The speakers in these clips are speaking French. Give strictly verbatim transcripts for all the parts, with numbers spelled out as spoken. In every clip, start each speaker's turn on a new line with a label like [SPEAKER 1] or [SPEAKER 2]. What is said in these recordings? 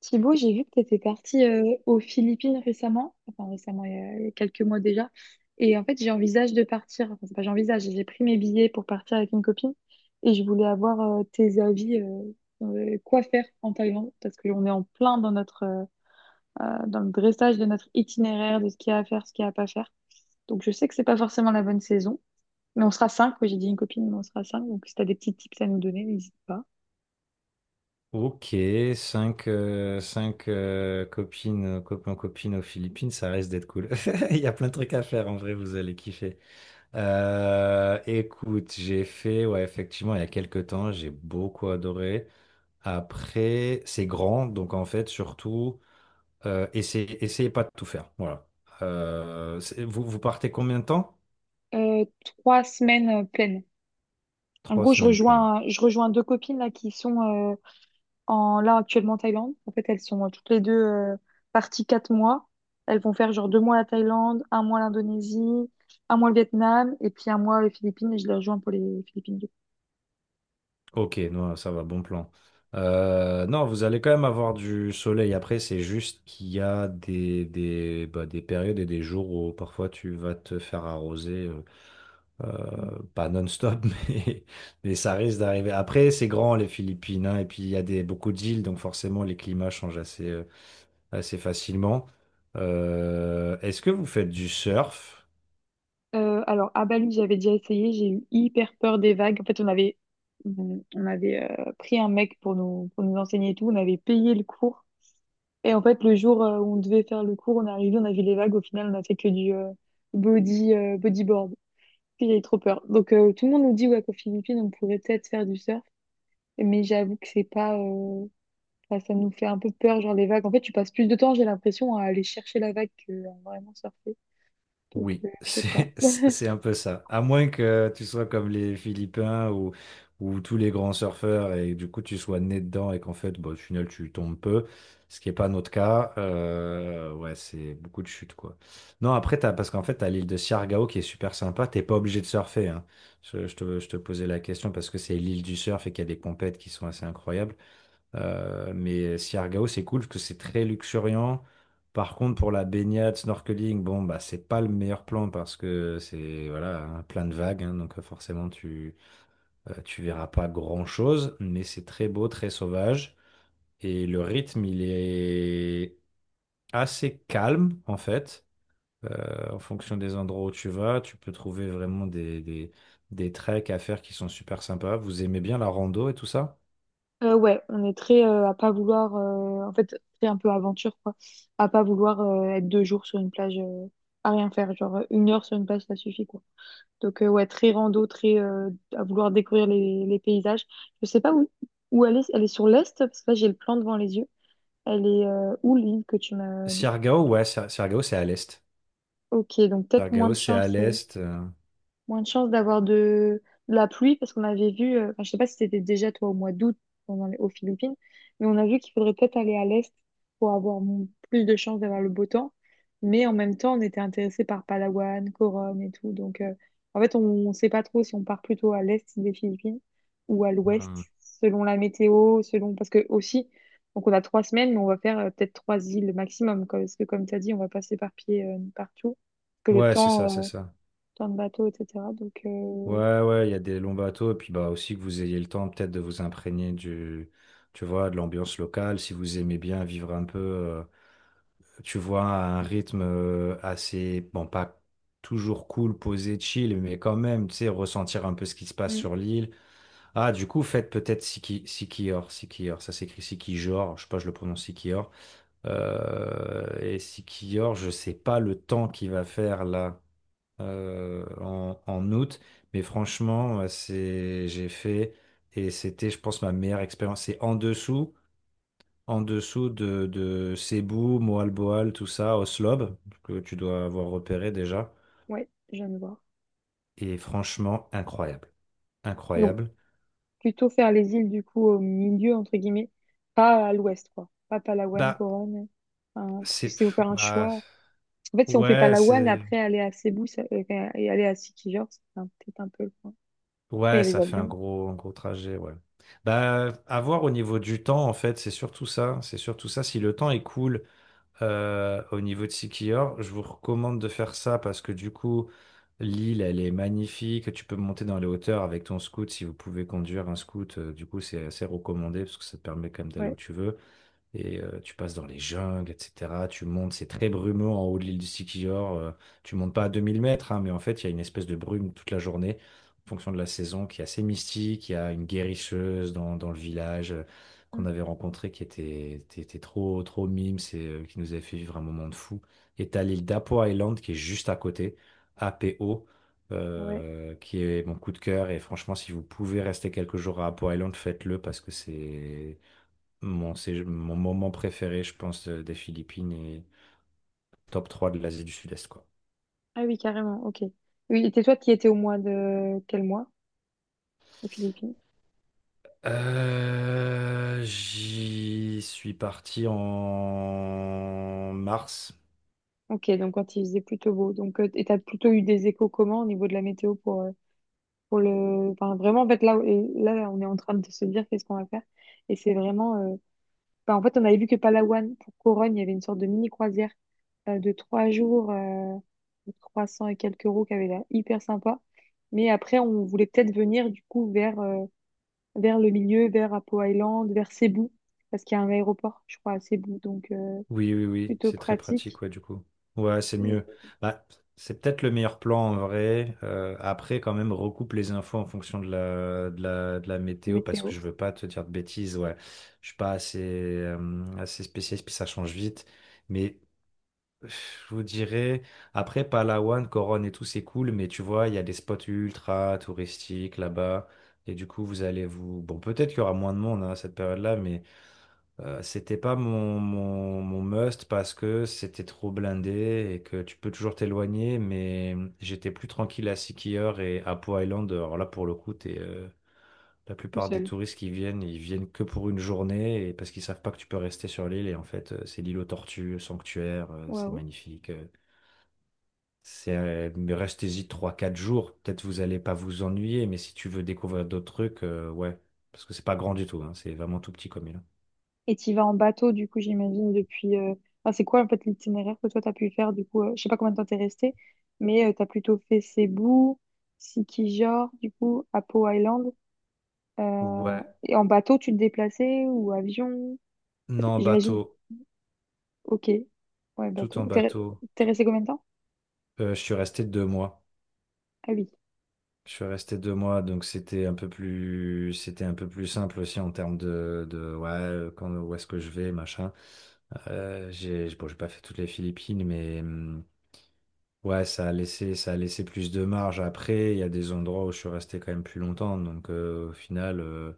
[SPEAKER 1] Thibaut, j'ai vu que tu étais parti euh, aux Philippines récemment, enfin récemment, il y a il y a quelques mois déjà. Et en fait, j'envisage de partir, enfin, c'est pas j'envisage, j'ai pris mes billets pour partir avec une copine et je voulais avoir euh, tes avis, euh, euh, quoi faire en Thaïlande, parce qu'on est en plein dans notre, euh, euh, dans le dressage de notre itinéraire, de ce qu'il y a à faire, ce qu'il y a à pas faire. Donc, je sais que c'est pas forcément la bonne saison, mais on sera cinq. Oui, j'ai dit une copine, mais on sera cinq. Donc, si tu as des petits tips à nous donner, n'hésite pas.
[SPEAKER 2] Ok, 5 cinq euh, copines, euh, copains, copines aux Philippines, ça reste d'être cool. Il y a plein de trucs à faire, en vrai, vous allez kiffer. Euh, écoute, j'ai fait, ouais, effectivement, il y a quelques temps, j'ai beaucoup adoré. Après, c'est grand, donc en fait, surtout, euh, essayez, essayez pas de tout faire. Voilà. Euh, c'est- vous, vous partez combien de temps?
[SPEAKER 1] Euh, trois semaines euh, pleines. En
[SPEAKER 2] Trois
[SPEAKER 1] gros, je
[SPEAKER 2] semaines pleines.
[SPEAKER 1] rejoins, je rejoins deux copines là qui sont euh, en là actuellement en Thaïlande. En fait, elles sont euh, toutes les deux euh, parties quatre mois. Elles vont faire genre deux mois la Thaïlande, un mois l'Indonésie, un mois le Vietnam et puis un mois les Philippines. Et je les rejoins pour les Philippines du
[SPEAKER 2] Ok, non, ça va, bon plan. Euh, non, vous allez quand même avoir du soleil. Après, c'est juste qu'il y a des, des, bah, des périodes et des jours où parfois tu vas te faire arroser, euh,
[SPEAKER 1] coup.
[SPEAKER 2] euh, pas non-stop, mais, mais ça risque d'arriver. Après, c'est grand les Philippines, hein, et puis il y a des, beaucoup d'îles, donc forcément les climats changent assez, euh, assez facilement. Euh, est-ce que vous faites du surf?
[SPEAKER 1] Euh, alors à Bali, j'avais déjà essayé. J'ai eu hyper peur des vagues. En fait, on avait on avait euh, pris un mec pour nous pour nous enseigner et tout. On avait payé le cours. Et en fait, le jour euh, où on devait faire le cours, on est arrivé, on a vu les vagues. Au final, on a fait que du euh, body, euh, bodyboard. Puis j'avais trop peur. Donc, euh, tout le monde nous dit ouais qu'aux Philippines, on pourrait peut-être faire du surf. Mais j'avoue que c'est pas, euh, enfin, ça nous fait un peu peur, genre les vagues. En fait, tu passes plus de temps, j'ai l'impression, à aller chercher la vague que à vraiment surfer. Donc,
[SPEAKER 2] Oui,
[SPEAKER 1] euh, je sais pas.
[SPEAKER 2] c'est c'est un peu ça. À moins que tu sois comme les Philippins ou, ou tous les grands surfeurs et du coup tu sois né dedans et qu'en fait, bon, au final, tu tombes peu, ce qui n'est pas notre cas. Euh, ouais, c'est beaucoup de chutes, quoi. Non, après, t'as, parce qu'en fait, tu as l'île de Siargao qui est super sympa. T'es pas obligé de surfer, hein. Je, je te, je te posais la question parce que c'est l'île du surf et qu'il y a des compètes qui sont assez incroyables. Euh, mais Siargao, c'est cool parce que c'est très luxuriant. Par contre, pour la baignade, snorkeling, bon, bah, c'est pas le meilleur plan parce que c'est voilà, un plein de vagues, hein, donc euh, forcément tu euh, tu verras pas grand-chose, mais c'est très beau, très sauvage et le rythme, il est assez calme en fait. Euh, en fonction des endroits où tu vas, tu peux trouver vraiment des, des, des treks à faire qui sont super sympas. Vous aimez bien la rando et tout ça?
[SPEAKER 1] Euh, ouais, on est très euh, à pas vouloir, euh, en fait, c'est un peu aventure, quoi. À pas vouloir euh, être deux jours sur une plage euh, à rien faire. Genre, une heure sur une plage, ça suffit, quoi. Donc, euh, ouais, très rando, très euh, à vouloir découvrir les, les paysages. Je sais pas où, où elle est. Elle est sur l'est, parce que là, j'ai le plan devant les yeux. Elle est euh, où, l'île que tu m'as...
[SPEAKER 2] Siargao, ouais, Siar- Siargao, c'est à l'est.
[SPEAKER 1] Ok, donc peut-être moins
[SPEAKER 2] Siargao,
[SPEAKER 1] de
[SPEAKER 2] c'est à
[SPEAKER 1] chance. euh,
[SPEAKER 2] l'est. euh,
[SPEAKER 1] moins de chances d'avoir de, de la pluie, parce qu'on avait vu, euh, enfin, je sais pas si c'était déjà toi au mois d'août pendant les- aux Philippines, mais on a vu qu'il faudrait peut-être aller à l'est pour avoir mon- plus de chances d'avoir le beau temps. Mais en même temps, on était intéressé par Palawan, Coron et tout. Donc, euh, en fait, on ne sait pas trop si on part plutôt à l'est des Philippines ou à
[SPEAKER 2] Hmm.
[SPEAKER 1] l'ouest, selon la météo, selon... Parce que aussi, donc on a trois semaines, mais on va faire euh, peut-être trois îles maximum, quoi. Parce que comme tu as dit, on va pas s'éparpiller euh, partout. Que le
[SPEAKER 2] Ouais, c'est ça, c'est
[SPEAKER 1] temps, euh,
[SPEAKER 2] ça.
[SPEAKER 1] plein de bateaux, et cetera. Donc, euh,
[SPEAKER 2] Ouais, ouais, il y a des longs bateaux, et puis bah aussi que vous ayez le temps peut-être de vous imprégner du, tu vois, de l'ambiance locale, si vous aimez bien vivre un peu, euh, tu vois, à un rythme euh, assez, bon, pas toujours cool, posé, chill, mais quand même, tu sais, ressentir un peu ce qui se passe
[SPEAKER 1] mm,
[SPEAKER 2] sur l'île. Ah, du coup, faites peut-être Siki, Sikior, Sikior, ça s'écrit Sikior, je sais pas, je le prononce Sikior. Euh, et Sikior, je sais pas le temps qu'il va faire là euh, en, en août. Mais franchement, euh, c'est, j'ai fait et c'était, je pense, ma meilleure expérience. C'est en dessous, en dessous de, de Cebu, Moalboal, tout ça, Oslob, que tu dois avoir repéré déjà.
[SPEAKER 1] ouais, j'aime voir.
[SPEAKER 2] Et franchement, incroyable.
[SPEAKER 1] Donc,
[SPEAKER 2] Incroyable.
[SPEAKER 1] plutôt faire les îles, du coup, au milieu, entre guillemets, pas à l'ouest, quoi. Pas Palawan,
[SPEAKER 2] Bah,
[SPEAKER 1] Coron, hein, parce que
[SPEAKER 2] c'est.
[SPEAKER 1] si vous
[SPEAKER 2] pff,
[SPEAKER 1] faire un
[SPEAKER 2] bah,
[SPEAKER 1] choix. En fait, si on fait
[SPEAKER 2] ouais,
[SPEAKER 1] Palawan,
[SPEAKER 2] c'est.
[SPEAKER 1] après aller à Cebu ça- et et aller à Sikijor, c'est un- peut-être un peu le point. Après, il y
[SPEAKER 2] Ouais,
[SPEAKER 1] a les
[SPEAKER 2] ça fait un
[SPEAKER 1] avions.
[SPEAKER 2] gros, un gros trajet, ouais. Bah, à voir au niveau du temps, en fait, c'est surtout ça. C'est surtout ça. Si le temps est cool, euh, au niveau de Siquijor. Je vous recommande de faire ça parce que du coup, l'île, elle est magnifique. Tu peux monter dans les hauteurs avec ton scoot si vous pouvez conduire un scoot. Euh, du coup, c'est assez recommandé parce que ça te permet quand même d'aller
[SPEAKER 1] Ouais.
[SPEAKER 2] où tu veux. Et euh, tu passes dans les jungles, et cetera. Tu montes, c'est très brumeux en haut de l'île du Sikihor. Euh, tu montes pas à deux mille mètres, hein, mais en fait, il y a une espèce de brume toute la journée, en fonction de la saison, qui est assez mystique. Il y a une guérisseuse dans, dans le village euh,
[SPEAKER 1] Mm,
[SPEAKER 2] qu'on avait rencontrée qui était, était- était trop, trop mime, c'est, euh, qui nous avait fait vivre un moment de fou. Et t'as l'île d'Apo Island qui est juste à côté, A P O,
[SPEAKER 1] ouais.
[SPEAKER 2] euh, qui est mon coup de cœur. Et franchement, si vous pouvez rester quelques jours à Apo Island, faites-le parce que c'est mon, c'est mon moment préféré, je pense, euh, des Philippines et top trois de l'Asie du Sud-Est, quoi.
[SPEAKER 1] Ah oui, carrément. Ok. Oui, et toi, tu y étais au mois de quel mois aux Philippines?
[SPEAKER 2] Euh, j'y suis parti en mars.
[SPEAKER 1] Ok, donc quand il faisait plutôt beau. Donc, euh, et t'as plutôt eu des échos comment au niveau de la météo pour, euh, pour le, enfin, vraiment, en fait, là et là on est en train de se dire qu'est-ce qu'on va faire, et c'est vraiment, euh, enfin, en fait, on avait vu que Palawan pour Corogne il y avait une sorte de mini croisière euh, de trois jours euh, de trois cents et quelques euros qui avait l'air hyper sympa, mais après on voulait peut-être venir du coup vers euh, vers le milieu, vers Apo Island, vers Cebu, parce qu'il y a un aéroport je crois à Cebu, donc euh,
[SPEAKER 2] Oui, oui, oui,
[SPEAKER 1] plutôt
[SPEAKER 2] c'est très
[SPEAKER 1] pratique.
[SPEAKER 2] pratique, ouais, du coup. Ouais, c'est
[SPEAKER 1] Euh,
[SPEAKER 2] mieux. Bah, c'est peut-être le meilleur plan en vrai. Euh, après, quand même, recoupe les infos en fonction de la, de la, de la météo parce
[SPEAKER 1] Météo
[SPEAKER 2] que je veux pas te dire de bêtises. Ouais, je suis pas assez, euh, assez spécialiste, puis ça change vite. Mais je vous dirais, après Palawan, Coron et tout, c'est cool, mais tu vois, il y a des spots ultra touristiques là-bas. Et du coup, vous allez vous... Bon, peut-être qu'il y aura moins de monde hein, à cette période-là, mais euh, c'était pas mon, mon, mon must parce que c'était trop blindé et que tu peux toujours t'éloigner, mais mmh, j'étais plus tranquille à Sikihor et à Po Island. Alors là, pour le coup, t'es, euh, la
[SPEAKER 1] tout
[SPEAKER 2] plupart des
[SPEAKER 1] seul.
[SPEAKER 2] touristes qui viennent, ils viennent que pour une journée et parce qu'ils savent pas que tu peux rester sur l'île. Et en fait, euh, c'est l'île aux tortues, sanctuaire, euh, c'est
[SPEAKER 1] Waouh.
[SPEAKER 2] magnifique. Euh, c'est, euh, mais restez-y trois quatre jours. Peut-être vous allez pas vous ennuyer, mais si tu veux découvrir d'autres trucs, euh, ouais. Parce que c'est pas grand du tout, hein, c'est vraiment tout petit comme île.
[SPEAKER 1] Et tu vas en bateau, du coup, j'imagine, depuis... euh, Enfin, c'est quoi, en fait, l'itinéraire que toi, tu as pu faire, du coup? euh, Je sais pas combien de temps t'es resté, mais tu as plutôt fait Cebu, Sikijor, du coup, Apo Island. euh,
[SPEAKER 2] Ouais.
[SPEAKER 1] Et en bateau, tu te déplaçais ou avion?
[SPEAKER 2] Non, en
[SPEAKER 1] J'imagine,
[SPEAKER 2] bateau.
[SPEAKER 1] ok. Ouais,
[SPEAKER 2] Tout en
[SPEAKER 1] bateau. T'es re-
[SPEAKER 2] bateau.
[SPEAKER 1] t'es resté combien de temps?
[SPEAKER 2] Euh, je suis resté deux mois.
[SPEAKER 1] Ah oui,
[SPEAKER 2] Je suis resté deux mois, donc c'était un peu plus, c'était un peu plus simple aussi en termes de, de ouais, euh, quand, où est-ce que je vais, machin. Euh, j'ai, bon, j'ai pas fait toutes les Philippines, mais hum, Ouais, ça a laissé, ça a laissé plus de marge. Après, il y a des endroits où je suis resté quand même plus longtemps. Donc, euh, au final, euh,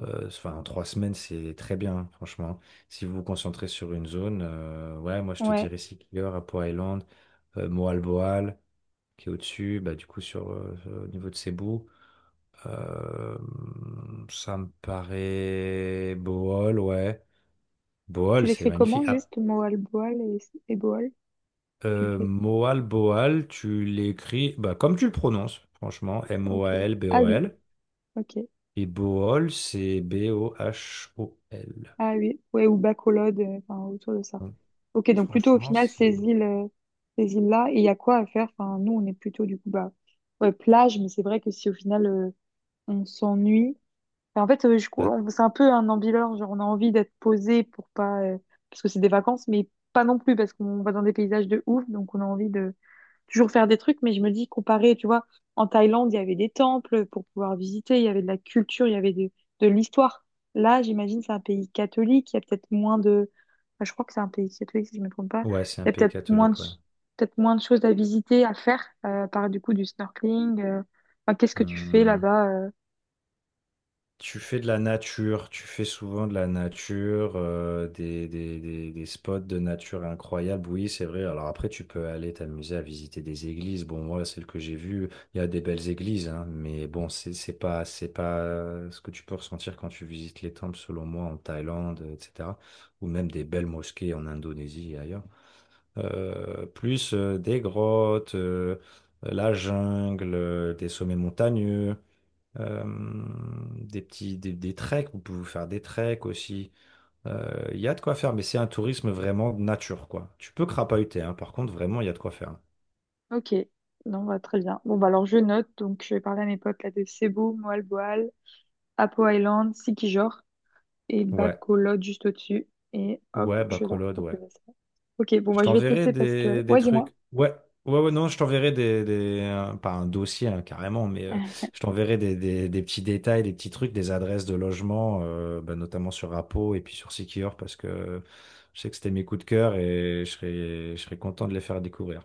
[SPEAKER 2] euh, enfin, trois semaines, c'est très bien, franchement. Si vous vous concentrez sur une zone, euh, ouais, moi, je te
[SPEAKER 1] ouais.
[SPEAKER 2] dirais Sikigor, Apo Island, euh, Moalboal, qui est au-dessus, bah, du coup, sur, euh, euh, au niveau de Cebu. Euh, Ça me paraît... Bohol, ouais.
[SPEAKER 1] Tu
[SPEAKER 2] Bohol, c'est
[SPEAKER 1] l'écris comment,
[SPEAKER 2] magnifique. Ah,
[SPEAKER 1] juste, Moalboal et, et Boal? Tu
[SPEAKER 2] Euh,
[SPEAKER 1] l'écris,
[SPEAKER 2] Moal Boal, tu l'écris bah, comme tu le prononces, franchement.
[SPEAKER 1] ok. Ah oui,
[SPEAKER 2] M-O-A-L-B-O-L.
[SPEAKER 1] ok.
[SPEAKER 2] Et Boal, c'est B-O-H-O-L.
[SPEAKER 1] Ah oui, ouais, ou Bacolod, euh, enfin, autour de ça.
[SPEAKER 2] Donc,
[SPEAKER 1] Ok, donc plutôt au
[SPEAKER 2] franchement.
[SPEAKER 1] final,
[SPEAKER 2] c'est.
[SPEAKER 1] ces îles, euh, ces îles-là, et il y a quoi à faire? Enfin, nous, on est plutôt du coup, bah, ouais, plage, mais c'est vrai que si au final, euh, on s'ennuie. Et en fait, euh, je cou-
[SPEAKER 2] la-
[SPEAKER 1] on- c'est un peu un ambileur, genre on a envie d'être posé pour pas, euh, parce que c'est des vacances, mais pas non plus, parce qu'on va dans des paysages de ouf, donc on a envie de toujours faire des trucs, mais je me dis, comparé, tu vois, en Thaïlande, il y avait des temples pour pouvoir visiter, il y avait de la culture, il y avait de, de l'histoire. Là, j'imagine, c'est un pays catholique, il y a peut-être moins de... enfin, je crois que c'est un pays catholique, si je ne me trompe pas.
[SPEAKER 2] Ouais, c'est
[SPEAKER 1] Il y
[SPEAKER 2] un
[SPEAKER 1] a
[SPEAKER 2] pays
[SPEAKER 1] peut-être moins de,
[SPEAKER 2] catholique, ouais.
[SPEAKER 1] peut-être moins de choses à visiter, à faire, euh, par du coup du snorkeling. euh. Enfin, qu'est-ce que tu fais
[SPEAKER 2] Hum.
[SPEAKER 1] là-bas euh
[SPEAKER 2] Tu fais de la nature, tu fais souvent de la nature, euh, des, des, des, des spots de nature incroyables, oui, c'est vrai. Alors après, tu peux aller t'amuser à visiter des églises. Bon, moi, celle que j'ai vue, il y a des belles églises, hein, mais bon, c'est c'est pas, c'est pas ce que tu peux ressentir quand tu visites les temples, selon moi, en Thaïlande, et cetera. Ou même des belles mosquées en Indonésie et ailleurs. Euh, plus euh, des grottes, euh, la jungle, euh, des sommets montagneux. Euh, des petits des, des treks, vous pouvez vous faire des treks aussi. Euh, Il y a de quoi faire, mais c'est un tourisme vraiment de nature, quoi. Tu peux crapahuter, hein. Par contre, vraiment, il y a de quoi faire.
[SPEAKER 1] Ok, non, bah, très bien. Bon, bah, alors je note, donc je vais parler à mes potes là de Cebu, Moalboal, Apo Island, Sikijor, et
[SPEAKER 2] Ouais,
[SPEAKER 1] Bacolod juste au-dessus. Et hop,
[SPEAKER 2] ouais, bah
[SPEAKER 1] je vais leur
[SPEAKER 2] Colode, ouais.
[SPEAKER 1] proposer ça. Ok, bon,
[SPEAKER 2] Je
[SPEAKER 1] bah, je vais te
[SPEAKER 2] t'enverrai
[SPEAKER 1] laisser parce que...
[SPEAKER 2] des, des
[SPEAKER 1] Ouais, dis-moi.
[SPEAKER 2] trucs. Ouais, ouais, ouais, non, je t'enverrai des, des un- pas un dossier hein, carrément, mais euh, je t'enverrai des, des, des petits détails, des petits trucs, des adresses de logement, euh, bah, notamment sur Apo et puis sur Secure, parce que je sais que c'était mes coups de cœur et je serais, je serais content de les faire découvrir.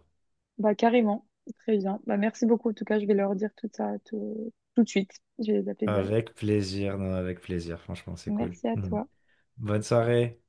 [SPEAKER 1] Bah, carrément. Très bien. Bah, merci beaucoup. En tout cas, je vais leur dire tout ça tout, tout de suite. Je vais les appeler direct.
[SPEAKER 2] Avec plaisir, non, avec plaisir, franchement, c'est cool.
[SPEAKER 1] Merci à
[SPEAKER 2] Mhm.
[SPEAKER 1] toi.
[SPEAKER 2] Bonne soirée.